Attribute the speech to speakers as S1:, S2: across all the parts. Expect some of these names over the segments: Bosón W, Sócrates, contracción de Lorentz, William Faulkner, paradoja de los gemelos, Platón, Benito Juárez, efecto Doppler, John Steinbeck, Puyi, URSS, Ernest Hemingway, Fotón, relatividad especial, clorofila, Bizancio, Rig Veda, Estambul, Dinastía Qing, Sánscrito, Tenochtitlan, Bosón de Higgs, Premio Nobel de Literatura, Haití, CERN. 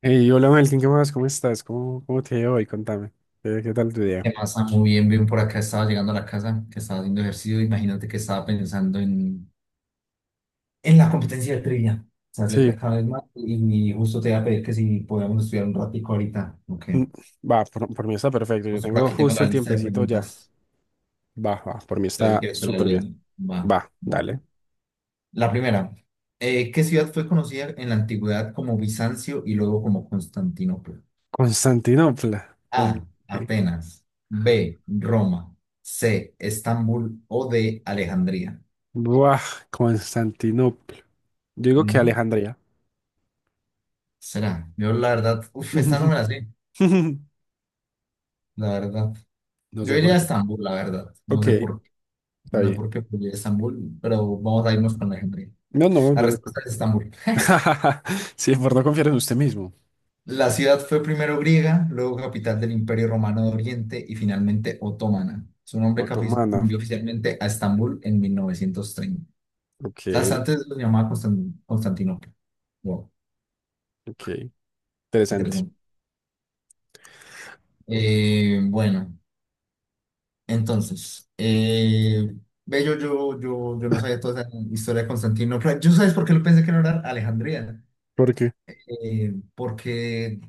S1: Hey, hola Melkin, ¿qué más? ¿Cómo estás? ¿Cómo te ha ido hoy? Contame. ¿Qué tal tu día?
S2: ¿Qué más? Ah, muy bien, bien por acá. Estaba llegando a la casa, que estaba haciendo ejercicio. Imagínate que estaba pensando en la competencia de trivia. Se acerca
S1: Sí,
S2: cada vez más y justo te iba a pedir que si podíamos estudiar un ratico ahorita. Ok.
S1: mm, va, por mí está perfecto. Yo
S2: Justo por
S1: tengo
S2: aquí tengo
S1: justo
S2: la
S1: el
S2: lista de
S1: tiempecito ya.
S2: preguntas.
S1: Va, va, por mí
S2: Entonces, si
S1: está
S2: quieres te la
S1: súper bien.
S2: leo. Va.
S1: Va,
S2: Va.
S1: dale.
S2: La primera. ¿Qué ciudad fue conocida en la antigüedad como Bizancio y luego como Constantinopla?
S1: Constantinopla. Uy,
S2: A. Atenas. B. Roma. C. Estambul o D. Alejandría.
S1: Buah, Constantinopla. Yo digo que
S2: Ujú.
S1: Alejandría.
S2: Será. Yo la verdad, uff, esta no me la sé, la verdad.
S1: No
S2: Yo
S1: sé
S2: iría
S1: por
S2: a
S1: qué.
S2: Estambul, la verdad. No
S1: Ok,
S2: sé por qué.
S1: está
S2: No sé
S1: bien.
S2: por qué pero iría a Estambul, pero vamos a irnos con la gente.
S1: No, no,
S2: La
S1: yo.
S2: respuesta es Estambul.
S1: Sí, por no confiar en usted mismo.
S2: La ciudad fue primero griega, luego capital del Imperio Romano de Oriente y finalmente otomana. Su nombre
S1: Otomana.
S2: cambió oficialmente a Estambul en 1930.
S1: Ok,
S2: ¿Sabes? Antes lo llamaba Constantinopla. Wow,
S1: ok. Interesante.
S2: interesante. Bueno. Entonces, ve, yo no sabía toda esa historia de Constantinopla. ¿Yo sabes por qué lo pensé que no era Alejandría?
S1: ¿Por qué?
S2: Porque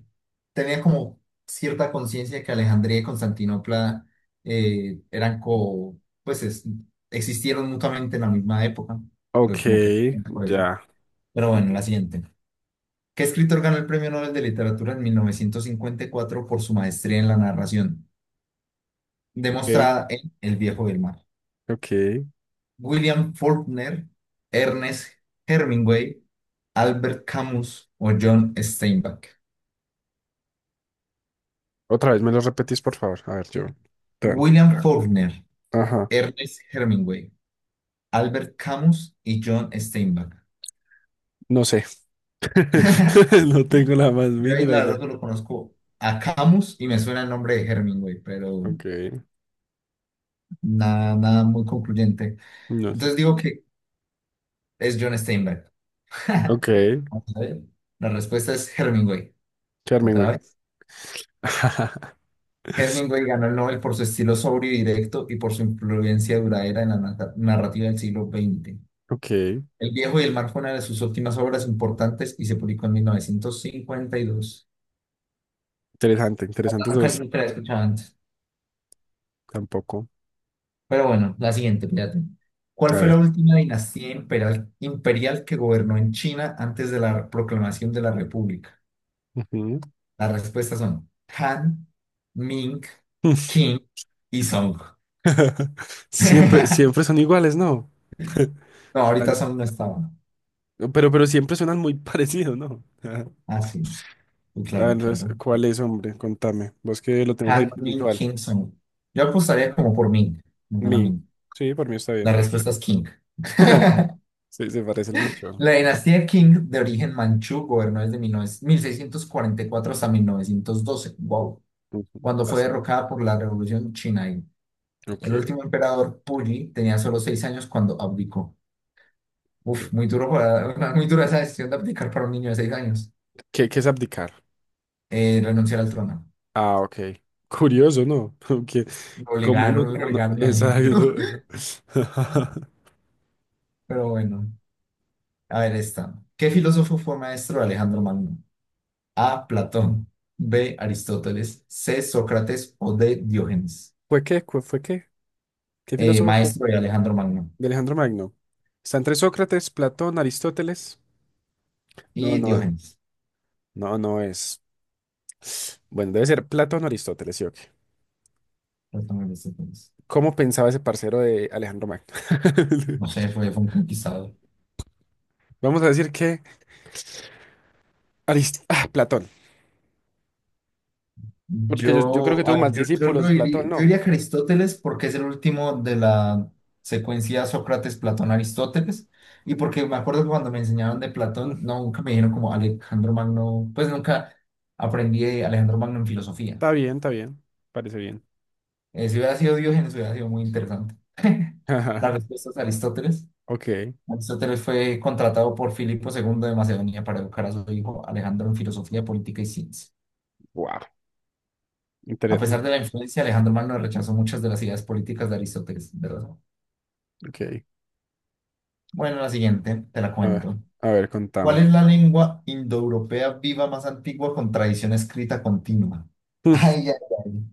S2: tenía como cierta conciencia de que Alejandría y Constantinopla eh, eran co, pues existieron mutuamente en la misma época.
S1: Ok,
S2: Entonces, como que por eso.
S1: ya,
S2: Pero bueno, la
S1: entiendo.
S2: siguiente. ¿Qué escritor ganó el Premio Nobel de Literatura en 1954 por su maestría en la narración,
S1: Ok,
S2: demostrada en El Viejo del Mar?
S1: ok.
S2: William Faulkner, Ernest Hemingway, Albert Camus o John Steinbeck.
S1: Otra vez me lo repetís, por favor. A ver, yo. Tan.
S2: William Faulkner,
S1: Ajá.
S2: Ernest Hemingway, Albert Camus y John Steinbeck.
S1: No sé. No tengo la más
S2: Yo ahí
S1: mínima
S2: la verdad
S1: idea.
S2: solo conozco a Camus y me suena el nombre de Hemingway, pero
S1: Ok,
S2: nada, nada muy concluyente.
S1: no sé.
S2: Entonces digo que es John Steinbeck.
S1: Ok,
S2: Vamos a ver. La respuesta es Hemingway.
S1: Charming,
S2: ¿Otra
S1: güey.
S2: vez? Hemingway ganó el Nobel por su estilo sobrio y directo y por su influencia duradera en la narrativa del siglo XX.
S1: Ok,
S2: El viejo y el mar fue una de sus últimas obras importantes y se publicó en 1952.
S1: interesante, interesantes
S2: Nunca,
S1: dos.
S2: nunca la he escuchado antes.
S1: Tampoco.
S2: Pero bueno, la siguiente, fíjate. ¿Cuál
S1: A
S2: fue la
S1: ver.
S2: última dinastía imperial que gobernó en China antes de la proclamación de la República?
S1: Ujú.
S2: Las respuestas son Han, Ming, Qing y Song.
S1: Siempre, siempre son iguales, ¿no?
S2: No, ahorita
S1: As-
S2: Song no estaba.
S1: pero siempre suenan muy parecidos, ¿no? Ajá.
S2: Ah, sí.
S1: A ver,
S2: Claro,
S1: entonces,
S2: claro.
S1: ¿cuál es, hombre? Contame. Vos que lo tenés ahí
S2: Hank
S1: más
S2: Min
S1: visual.
S2: King Song. Yo apostaría como por Ming. No gana
S1: Mi.
S2: Ming.
S1: Sí, por mí está
S2: La
S1: bien.
S2: respuesta es King.
S1: Sí, se parecen mucho.
S2: La dinastía King de origen manchú gobernó desde 19 1644 hasta 1912. Wow.
S1: Ujú,
S2: Cuando fue
S1: bastante.
S2: derrocada por la Revolución China. Y
S1: Ok,
S2: el último emperador, Puyi, tenía solo 6 años cuando abdicó. Uf,
S1: ok.
S2: muy dura esa decisión de abdicar para un niño de 6 años.
S1: ¿Qué es abdicar?
S2: Renunciar al trono.
S1: Ah, ok. Curioso, ¿no? Porque como uno,
S2: Lo
S1: uno...
S2: obligaron al niño.
S1: Exacto.
S2: Pero bueno. A ver esta. ¿Qué filósofo fue maestro de Alejandro Magno? A. Platón. B. Aristóteles. C. Sócrates o D. Diógenes.
S1: ¿Fue qué? ¿Fue qué? ¿Qué
S2: Eh,
S1: filósofo fue?
S2: maestro de Alejandro Magno
S1: De Alejandro Magno. Está entre Sócrates, Platón, Aristóteles. No,
S2: y
S1: no,
S2: Diógenes.
S1: no, no es. Bueno, debe ser Platón o Aristóteles, sí o qué.
S2: Platón, Aristóteles.
S1: ¿Cómo pensaba ese parcero de Alejandro Magno?
S2: No sé, fue un conquistador.
S1: Vamos a decir que ah, Platón. Porque yo creo que
S2: Yo,
S1: tuvo
S2: a ver,
S1: más
S2: yo lo
S1: discípulos,
S2: diría,
S1: Platón,
S2: yo
S1: no.
S2: diría que Aristóteles porque es el último de la secuencia Sócrates, Platón, Aristóteles. Y porque me acuerdo que cuando me enseñaron de Platón,
S1: Mm,
S2: no, nunca me dijeron como Alejandro Magno, pues nunca aprendí de Alejandro Magno en filosofía.
S1: está bien, está bien. Parece bien.
S2: Si hubiera sido Diógenes, hubiera sido muy interesante. La respuesta es Aristóteles.
S1: Ok.
S2: Aristóteles fue contratado por Filipo II de Macedonia para educar a su hijo Alejandro en filosofía, política y ciencia.
S1: Wow.
S2: A
S1: Interesante.
S2: pesar de la influencia, Alejandro Magno rechazó muchas de las ideas políticas de Aristóteles, ¿verdad?
S1: Ok.
S2: Bueno, la siguiente, te la
S1: A ver,
S2: cuento.
S1: a ver,
S2: ¿Cuál
S1: contame.
S2: es la lengua indoeuropea viva más antigua con tradición escrita continua?
S1: Mm,
S2: Ay, ay, ay.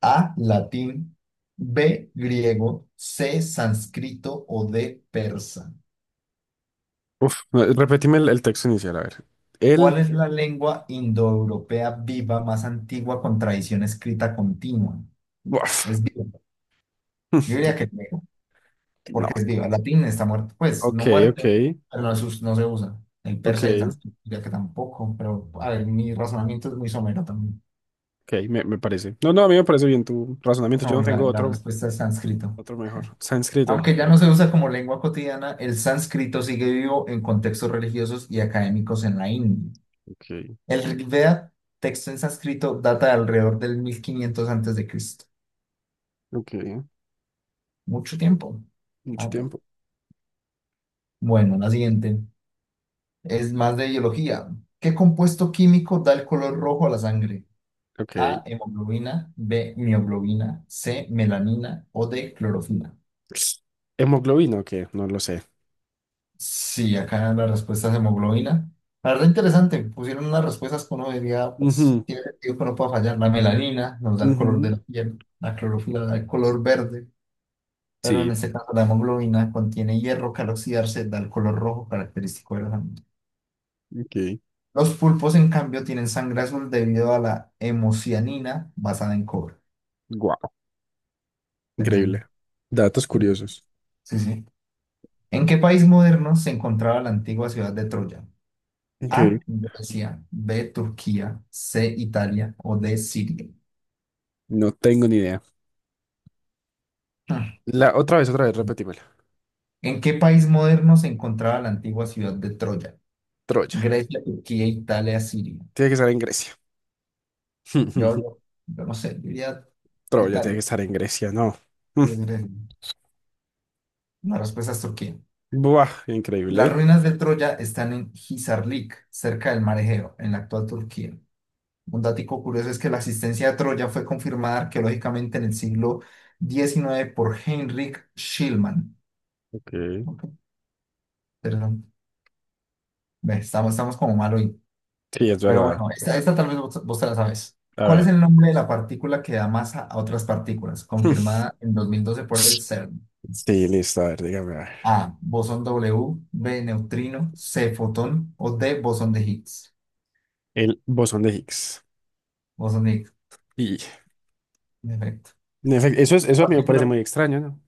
S2: A, latín, B, griego, C, sánscrito o D, persa.
S1: uf, no, repetime el texto inicial, a ver. El.
S2: ¿Cuál es la lengua indoeuropea viva más antigua con tradición escrita continua?
S1: Uf.
S2: Es viva. Yo
S1: Mm,
S2: diría que es viva, porque
S1: no.
S2: es viva. El latín está muerto, pues no
S1: Ok, ok,
S2: muerto, pero no, no se usa. El
S1: ok,
S2: persa y el sánscrito diría que tampoco, pero a ver, mi razonamiento es muy somero también.
S1: ok, me parece. No, no, a mí me parece bien tu razonamiento.
S2: No,
S1: Yo no
S2: la,
S1: tengo
S2: la
S1: otro,
S2: respuesta es sánscrito.
S1: otro mejor. Sánscrito.
S2: Aunque ya no se usa como lengua cotidiana, el sánscrito sigue vivo en contextos religiosos y académicos en la India.
S1: Ok,
S2: El Rig Veda, texto en sánscrito, data de alrededor del 1500 antes de Cristo.
S1: ok.
S2: Mucho tiempo.
S1: Mucho
S2: Ah,
S1: tiempo.
S2: bueno, la siguiente es más de biología. ¿Qué compuesto químico da el color rojo a la sangre?
S1: Ok.
S2: A, hemoglobina, B, mioglobina, C, melanina o D, clorofila.
S1: ¿Hemoglobina o qué? No lo sé.
S2: Sí, acá la respuesta es hemoglobina. La verdad interesante, pusieron unas respuestas que uno diría, pues
S1: Ujú,
S2: tiene sentido que no pueda fallar. La melanina nos da el color de
S1: ujú.
S2: la piel, la clorofila da el color verde, pero en
S1: Sí.
S2: este caso la hemoglobina contiene hierro que al oxidarse da el color rojo característico de la sangre.
S1: Ok.
S2: Los pulpos, en cambio, tienen sangre azul debido a la hemocianina basada en cobre.
S1: Wow,
S2: Interesante.
S1: increíble. Datos curiosos.
S2: Sí, sí. ¿En qué país moderno se encontraba la antigua ciudad de Troya?
S1: Ok.
S2: A, Grecia, B, Turquía, C, Italia o D, Siria.
S1: No tengo ni idea.
S2: Hmm.
S1: La otra vez, repetímela.
S2: ¿En qué país moderno se encontraba la antigua ciudad de Troya?
S1: Troya.
S2: Grecia, Turquía, Italia, Siria.
S1: Tiene que estar en Grecia.
S2: Yo, yo, yo no sé, diría
S1: Troya tiene que
S2: Italia.
S1: estar en Grecia, no.
S2: Es Grecia. La respuesta es Turquía.
S1: Mm. Buah, increíble.
S2: Las
S1: ¿Eh?
S2: ruinas de Troya están en Hisarlik, cerca del Mar Egeo, en la actual Turquía. Un dato curioso es que la existencia de Troya fue confirmada arqueológicamente en el siglo XIX por Heinrich Schliemann.
S1: Ok.
S2: Ok, perdón. Ve, estamos como mal hoy.
S1: Sí, es
S2: Pero
S1: verdad.
S2: bueno, esta tal vez vos te la sabes.
S1: A
S2: ¿Cuál es
S1: ver.
S2: el nombre de la partícula que da masa a otras partículas?
S1: Mm.
S2: Confirmada en 2012 por el CERN.
S1: Sí, listo, a ver, dígame, a ver.
S2: A. Bosón W, B. Neutrino, C. Fotón o D. Bosón de Higgs.
S1: El bosón de Higgs.
S2: Bosón de Higgs.
S1: Y
S2: Perfecto.
S1: en efecto, eso es, eso a mí me parece
S2: Partícula,
S1: muy extraño, ¿no?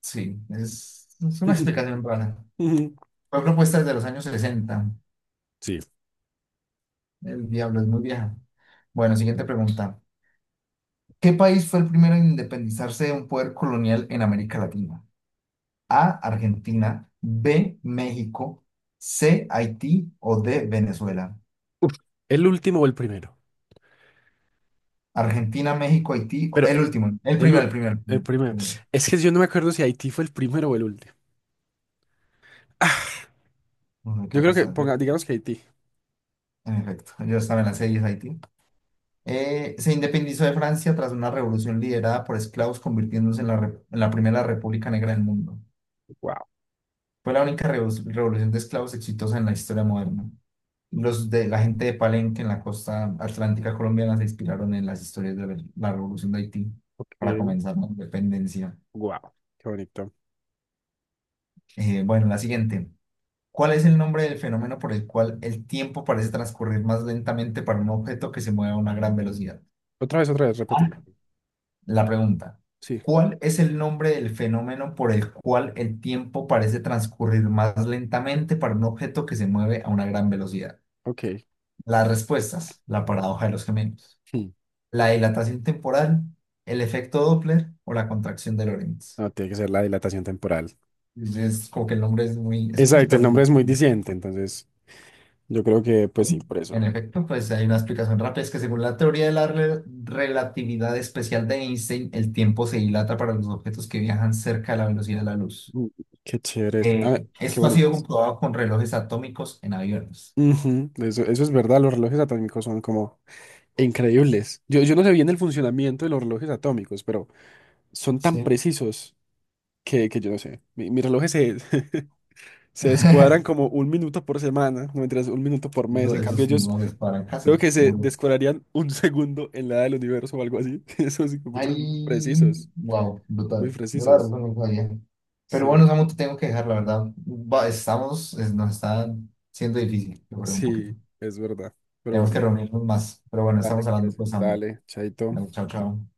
S2: sí, es una explicación rara.
S1: Ujú.
S2: Fue propuesta desde los años 60.
S1: Sí.
S2: El diablo es muy vieja. Bueno, siguiente pregunta. ¿Qué país fue el primero en independizarse de un poder colonial en América Latina? A, Argentina, B, México, C, Haití o D, Venezuela.
S1: Uf, ¿el último o el primero?
S2: Argentina, México, Haití,
S1: Pero
S2: el último, el
S1: el,
S2: primero, el
S1: u-
S2: primero, el
S1: el
S2: primero.
S1: primero. Es que yo no me acuerdo si Haití fue el primero o el último.
S2: No hay que
S1: Yo creo que,
S2: apostar.
S1: ponga, digamos que Haití.
S2: En efecto, yo estaba en la serie Haití. Se independizó de Francia tras una revolución liderada por esclavos, convirtiéndose en la primera república negra del mundo.
S1: Wow,
S2: Fue la única revolución de esclavos exitosa en la historia moderna. Los de la gente de Palenque en la costa atlántica colombiana se inspiraron en las historias de la revolución de Haití para
S1: ok,
S2: comenzar la independencia.
S1: wow, qué bonito.
S2: Bueno, la siguiente. ¿Cuál es el nombre del fenómeno por el cual el tiempo parece transcurrir más lentamente para un objeto que se mueve a una gran velocidad?
S1: Otra vez, repetimos.
S2: La pregunta,
S1: Sí,
S2: ¿cuál es el nombre del fenómeno por el cual el tiempo parece transcurrir más lentamente para un objeto que se mueve a una gran velocidad?
S1: ok.
S2: Las respuestas, la paradoja de los gemelos,
S1: Hmm,
S2: la dilatación temporal, el efecto Doppler o la contracción de Lorentz.
S1: no, tiene que ser la dilatación temporal.
S2: Es como que el nombre es muy
S1: Exacto, el nombre
S2: también.
S1: es muy diciente, entonces yo creo que, pues sí,
S2: ¿Sí?
S1: por
S2: En
S1: eso.
S2: efecto, pues hay una explicación rápida, es que según la teoría de la relatividad especial de Einstein, el tiempo se dilata para los objetos que viajan cerca de la velocidad de la luz.
S1: Mm. Qué chévere. A ver,
S2: Eh,
S1: qué
S2: esto ha sido
S1: bonitos.
S2: comprobado con relojes atómicos en aviones.
S1: Ujú, eso es verdad, los relojes atómicos son como increíbles. Yo no sé bien el funcionamiento de los relojes atómicos, pero son tan
S2: Sí.
S1: precisos que yo no sé. Mis relojes se descuadran como un minuto por semana, no mentiras, un minuto por mes. En cambio,
S2: Esos
S1: ellos.
S2: no se paran casi,
S1: Creo que se
S2: duro.
S1: descuadrarían un segundo en la edad del universo o algo así. Eso sí que muchos
S2: Ay,
S1: son muy precisos,
S2: wow,
S1: muy
S2: brutal. Yo la verdad
S1: precisos.
S2: no lo sabía. Pero
S1: Sí,
S2: bueno, Samu, te tengo que dejar, la verdad. Estamos, nos está siendo difícil, yo creo, un poquito.
S1: sí, es verdad. Pero
S2: Tenemos que
S1: bueno,
S2: reunirnos más. Pero bueno,
S1: dale,
S2: estamos hablando,
S1: pues,
S2: pues, Samu.
S1: dale,
S2: Vale,
S1: chaito.
S2: chao, chao.